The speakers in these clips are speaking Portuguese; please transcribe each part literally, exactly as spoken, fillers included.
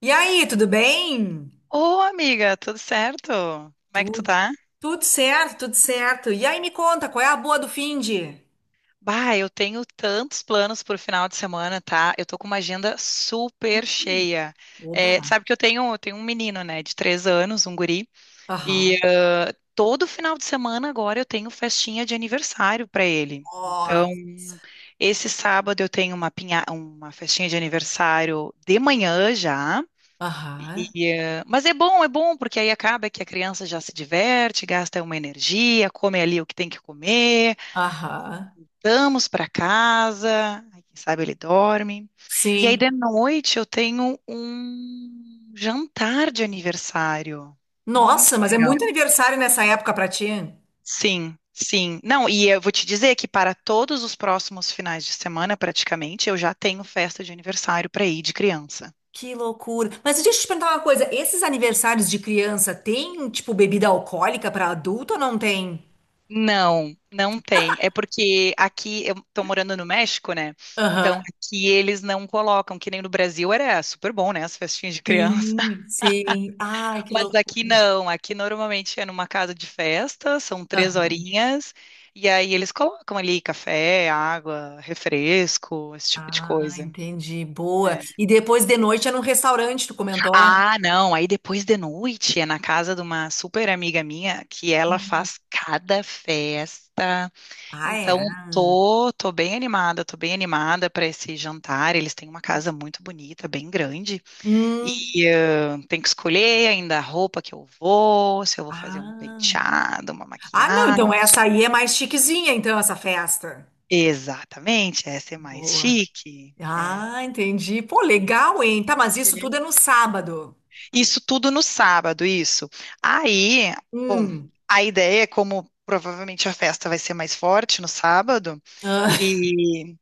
E aí, tudo bem? Ô, amiga, tudo certo? Como é que tu Tu- tá? Tudo certo, tudo certo. E aí, me conta, qual é a boa do finde? Bah, eu tenho tantos planos pro final de semana, tá? Eu tô com uma agenda super cheia. É, tu Oba. sabe que eu tenho, eu tenho um menino, né, de três anos, um guri, e Aham. ah, todo final de semana agora eu tenho festinha de aniversário pra ele. Então, Nossa. esse sábado eu tenho uma pinha, uma festinha de aniversário de manhã já. Aham. E, eh, mas é bom, é bom, porque aí acaba que a criança já se diverte, gasta uma energia, come ali o que tem que comer, Aham. vamos para casa, aí quem sabe ele dorme. E aí Sim. de noite eu tenho um jantar de aniversário. Muito Nossa, mas é legal. muito aniversário nessa época pra ti. Sim, sim. Não, e eu vou te dizer que para todos os próximos finais de semana, praticamente, eu já tenho festa de aniversário para ir de criança. Que loucura. Mas deixa eu te perguntar uma coisa. Esses aniversários de criança tem, tipo, bebida alcoólica pra adulto ou não tem? Não, não tem. É porque aqui eu tô morando no México, né? Então Aham. aqui eles não colocam, que nem no Brasil era super bom, né? As festinhas de criança. Sim, sim. Ai, que Mas loucura. aqui não. Aqui normalmente é numa casa de festa, são três horinhas, e aí eles colocam ali café, água, refresco, esse tipo de Ah, coisa. entendi. Boa. É. E depois de noite é num restaurante, tu comentou? Ah, não. Aí depois de noite é na casa de uma super amiga minha que ela faz cada festa. Ah, é. Então, Ah. tô, tô bem animada, tô bem animada para esse jantar. Eles têm uma casa muito bonita, bem grande, Hum. e eh, tem que escolher ainda a roupa que eu vou, se eu vou fazer um Ah. penteado, uma Ah, não, então essa maquiagem. aí é mais chiquezinha, então, essa festa. Exatamente, essa é mais Boa. chique. É. Ah, entendi. Pô, legal, hein? Tá, mas isso tudo é É. no sábado. Isso tudo no sábado, isso. Aí, bom, Hum. a ideia é como provavelmente a festa vai ser mais forte no sábado, Ah, e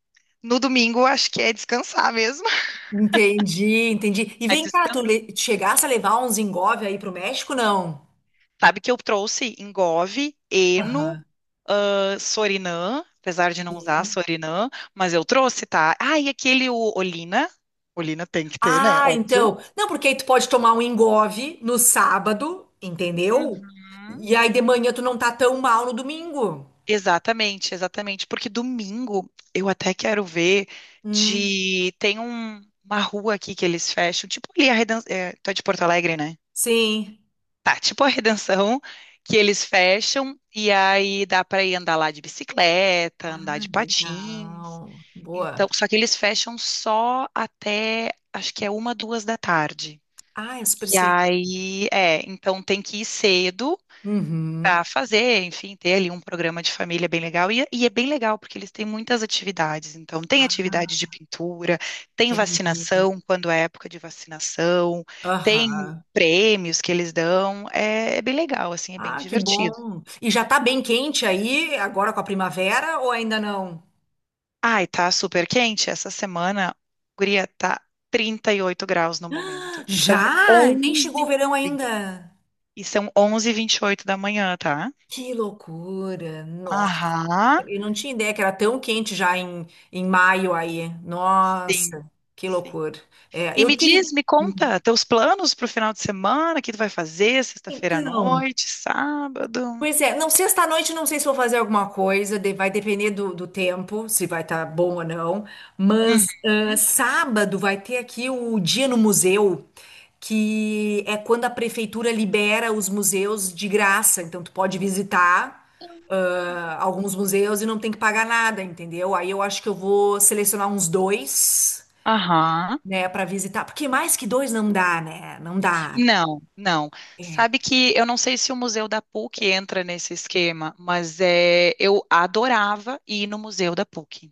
no domingo acho que é descansar mesmo. entendi, entendi. E É. vem cá, tu le- chegasse a levar uns engove aí pro México, não? Sabe que eu trouxe Engove, Eno, Aham. ah, Sorinã, apesar de não usar Sorinã, mas eu trouxe, tá? Ah, e aquele o Olina. Olina tem que ter, né? Ah, Óbvio. então. Não, porque aí tu pode tomar um engove no sábado, entendeu? Uhum. E aí de manhã tu não tá tão mal no domingo. Exatamente, exatamente. Porque domingo eu até quero ver Hum, de. Tem um- uma rua aqui que eles fecham, tipo ali a Redenção. É, tu é de Porto Alegre, né? sim. Tá, tipo a Redenção, que eles fecham e aí dá pra ir andar lá de bicicleta, andar Ah, de patins. legal. Então, Boa. só que eles fecham só até, acho que é uma, duas da tarde. Ah, é super E cedo. aí, é, então tem que ir cedo Uhum. para fazer, enfim, ter ali um programa de família bem legal. E, e é bem legal, porque eles têm muitas atividades. Então, tem Ah, atividade de pintura, tem entendi. vacinação, quando é época de vacinação, tem Aham. prêmios que eles dão. É, é bem legal, assim, é bem Ah, que divertido. bom. E já tá bem quente aí, agora com a primavera, ou ainda não? Ai, tá super quente. Essa semana, guria, tá trinta e oito graus no momento. Estão Já? Nem onze chegou o verão sim. ainda. E são onze e vinte e oito da manhã, tá? Que loucura! Aham, Eu não tinha ideia que era tão quente já em, em maio aí. sim, Nossa, que sim. loucura. É, E eu me tive. diz, me conta, teus planos pro final de semana, o que tu vai fazer sexta-feira à Então, noite, sábado? pois é, não, sexta-noite não sei se vou fazer alguma coisa, de- vai depender do, do tempo, se vai estar bom ou não. Uhum. Mas ah, sábado vai ter aqui o Dia no Museu, que é quando a prefeitura libera os museus de graça. Então tu pode visitar ah, alguns museus e não tem que pagar nada, entendeu? Aí eu acho que eu vou selecionar uns dois, Aham, né, para visitar, porque mais que dois não dá, né? Não dá. não, não. É. Sabe que eu não sei se o Museu da PUC entra nesse esquema, mas é, eu adorava ir no Museu da PUC.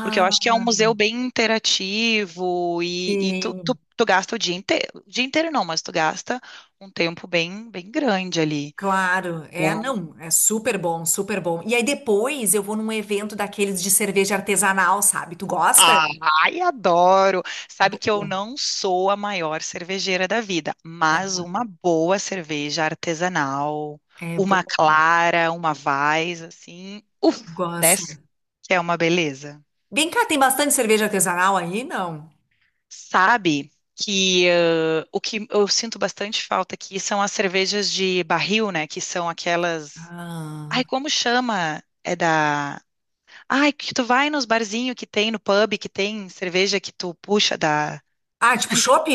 Porque eu acho que é um museu bem interativo e, e tu, tu, sim. tu gasta o dia inteiro. O dia inteiro não, mas tu gasta um tempo bem, bem grande ali. Claro, é, não, é super bom, super bom. E aí depois eu vou num evento daqueles de cerveja artesanal, sabe? Tu gosta? Ai, adoro! Sabe que eu Boa. não sou a maior cervejeira da vida, mas uma boa cerveja artesanal, É bom, uma clara, uma Weiss, assim, Uff, gosta. desce, que é uma beleza. Vem cá, tem bastante cerveja artesanal aí? Não. Sabe que ãh, o que eu sinto bastante falta aqui são as cervejas de barril, né? Que são aquelas. Ai, Ah, como chama? É da. Ai, que tu vai nos barzinhos que tem, no pub, que tem cerveja que tu puxa da. ah tipo chopp?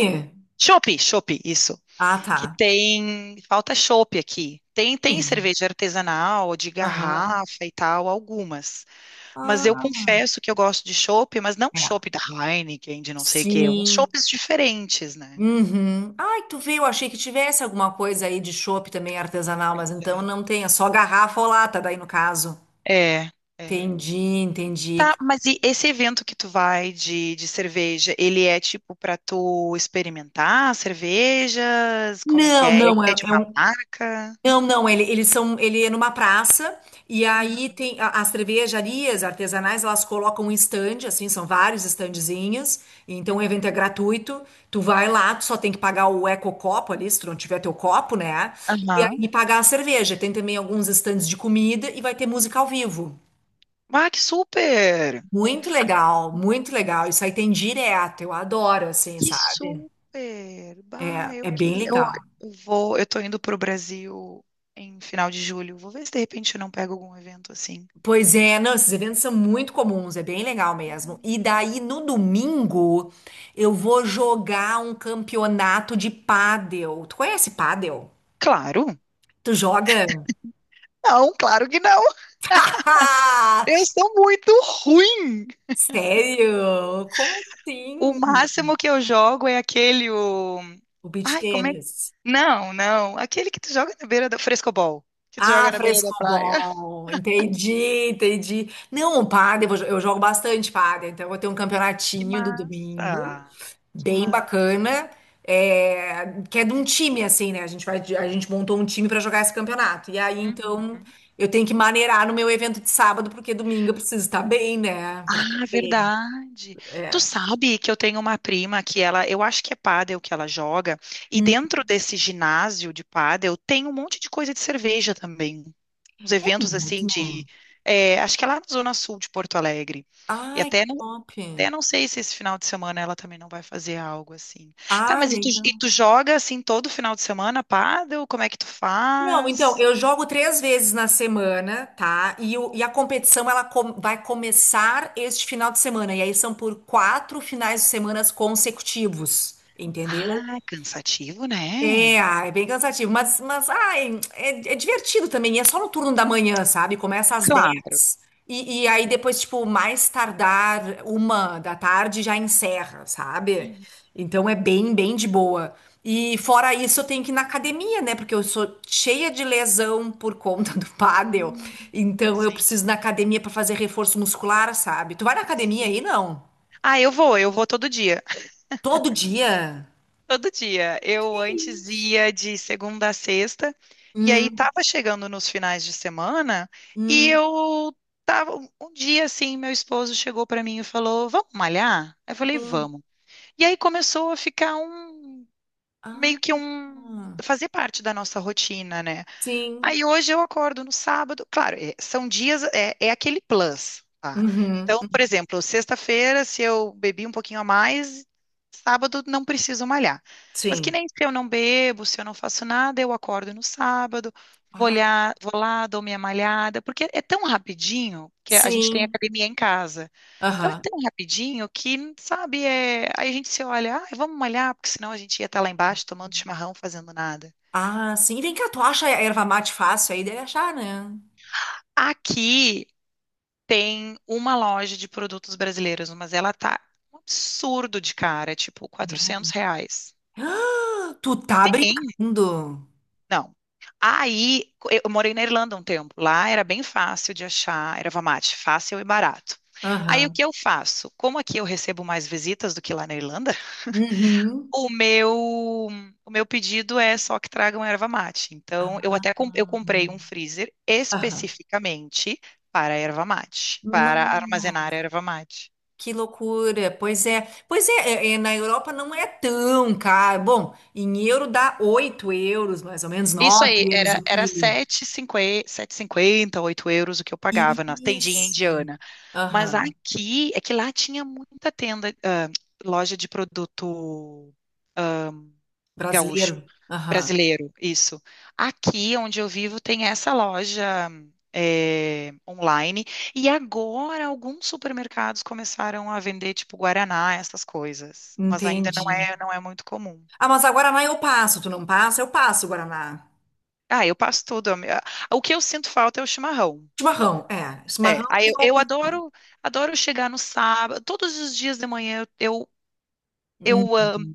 Chopp, chopp, isso. Ah, tá. Que tem, falta chopp aqui. Tem, tem Sim. cerveja artesanal, de Aham. garrafa e tal, algumas. Mas eu Ah, confesso que eu gosto de chopp, mas não é. chopp da Heineken, de não sei o quê, uns Sim. chopps diferentes, né? Uhum. Ai, tu viu? Achei que tivesse alguma coisa aí de chopp também artesanal, Pois mas então não tem, é só garrafa ou lata, daí no caso. é. É, é. Entendi, entendi. Tá, mas e esse evento que tu vai de, de cerveja, ele é tipo pra tu experimentar cervejas? Como é que Não, é? não, É é, de é uma um. marca? Não, não, ele, eles são. Ele é numa praça, e aí Uhum, tem a- as cervejarias artesanais, elas colocam um stand, assim, são vários standzinhos, então o evento é uhum. gratuito. Tu vai lá, tu só tem que pagar o ecocopo ali, se tu não tiver teu copo, né? Aham. E, e pagar a cerveja. Tem também alguns stands de comida e vai ter música ao vivo. Ah, que super! Muito legal, muito legal. Isso aí tem direto, eu adoro, assim, Que sabe? super! Bah, É, eu é bem queria. Eu, legal. eu vou, eu tô indo pro Brasil em final de julho. Vou ver se de repente eu não pego algum evento assim. Pois é, não, esses eventos são muito comuns, é bem legal mesmo. E daí no domingo eu vou jogar um campeonato de pádel. Tu conhece pádel? Claro! Tu joga? Não, claro que não! Eu sou muito ruim! Sério? Como O assim? máximo que eu jogo é aquele o. O beach Ai, como é? tênis. Não, não. Aquele que tu joga na beira da frescobol. Que tu Ah, joga na beira da fresco praia. bom, entendi, entendi. Não, o pádel, eu jo- eu jogo bastante pádel, então eu vou ter um Que campeonatinho do domingo, massa! Que bem massa! bacana, é, que é de um time, assim, né? A gente vai, de- a gente montou um time para jogar esse campeonato. E aí, Uhum. então, eu tenho que maneirar no meu evento de sábado, porque domingo eu preciso estar bem, né? Pra Ah, correr, verdade. Tu é. sabe que eu tenho uma prima que ela, eu acho que é pádel que ela joga, e Hum, dentro desse ginásio de pádel tem um monte de coisa de cerveja também. Uns é eventos assim de, mesmo? é, acho que é lá na Zona Sul de Porto Alegre. E Ai, que até não, top. até não sei se esse final de semana ela também não vai fazer algo assim. Tá, Ah, mas e tu, e legal. tu joga assim todo final de semana pádel? Como é que tu Não, então, faz? eu jogo três vezes na semana, tá? E, o- e a competição ela com- vai começar este final de semana. E aí são por quatro finais de semana consecutivos, entendeu? Ah, cansativo, É, né? ah, é bem cansativo, mas, mas ai, é, é divertido também, e é só no turno da manhã, sabe? Começa às Claro. dez e, e aí depois, tipo, mais tardar uma da tarde já encerra, sabe? Uhum. Então é bem, bem de boa. E fora isso, eu tenho que ir na academia, né? Porque eu sou cheia de lesão por conta do pádel. Hum, Então eu sim. preciso ir na academia para fazer reforço muscular, sabe? Tu vai na academia Sim. aí, não? Ah, eu vou, eu vou todo dia. Todo dia? Todo dia. Que Eu antes isso? ia de segunda a sexta, e aí Hum, tava chegando nos finais de semana, e hum, eu tava um dia assim, meu esposo chegou pra mim e falou: "Vamos malhar?" Eu falei: hum. "Vamos". E aí começou a ficar um meio Ah. que um Ah, fazer parte da nossa rotina, né? sim. Aí hoje eu acordo no sábado, claro, é- são dias, é, é aquele plus, tá? Uhum. Então, por exemplo, sexta-feira, se eu bebi um pouquinho a mais, sábado não preciso malhar. Mas que Sim. nem se eu não bebo, se eu não faço nada, eu acordo no sábado, vou Ah, olhar, vou lá, dou minha malhada, porque é tão rapidinho que a gente tem sim. academia em casa. Então é Aham. tão rapidinho que, sabe, é... aí a gente se olha, ah, vamos malhar, porque senão a gente ia estar lá embaixo tomando chimarrão, fazendo nada. Ah, sim. Vem cá, tu acha a erva mate fácil aí? Deve achar, né? Aqui tem uma loja de produtos brasileiros, mas ela tá um absurdo de cara, é tipo É. quatrocentos reais. Ah, tu tá Tem? brincando. Não. Aí, eu morei na Irlanda um tempo. Lá era bem fácil de achar erva mate, fácil e barato. Aí o Aham. que eu faço? Como aqui eu recebo mais visitas do que lá na Irlanda, Uhum. o meu o meu pedido é só que tragam erva mate. Então, eu Ah. até com- eu comprei um freezer Aham. especificamente para erva mate, para armazenar Nossa, erva mate. que loucura. Pois é. Pois é, é, é, na Europa não é tão caro. Bom, em euro dá oito euros, mais ou menos Isso aí, nove euros era, o era quilo. sete e cinquenta, cinquenta oito euros o que eu pagava na tendinha Isso. indiana. Mas Aham. aqui, é que lá tinha muita tenda, ah, loja de produto gaúcho, Brasileiro. Aham. brasileiro, isso. Aqui, onde eu vivo, tem essa loja, eh, online. E agora, alguns supermercados começaram a vender, tipo, Guaraná, essas coisas. Mas ainda não Entendi. é, não é muito comum. Ah, mas a Guaraná eu passo. Tu não passa? Eu passo o Guaraná. Ah, eu passo tudo. a minha- O que eu sinto falta é o chimarrão. Chimarrão, é. É, Chimarrão aí que eu, eu... eu adoro, adoro chegar no sábado, todos os dias de manhã eu, eu, Hum, eu, amo,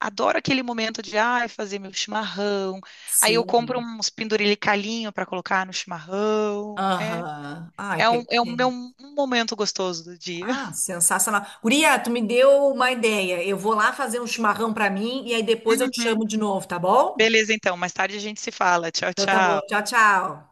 adoro aquele momento de, ai, fazer meu chimarrão, aí eu sim. compro uns penduricalhinho para colocar no chimarrão, é, Aham. Ai, é um, é um meu perfeito. um momento gostoso do dia. Ah, sensacional. Guria, tu me deu uma ideia. Eu vou lá fazer um chimarrão pra mim e aí depois eu te Uhum. chamo de novo, tá bom? Beleza, então, mais tarde a gente se fala, tchau, Então tá bom. tchau. Tchau, tchau.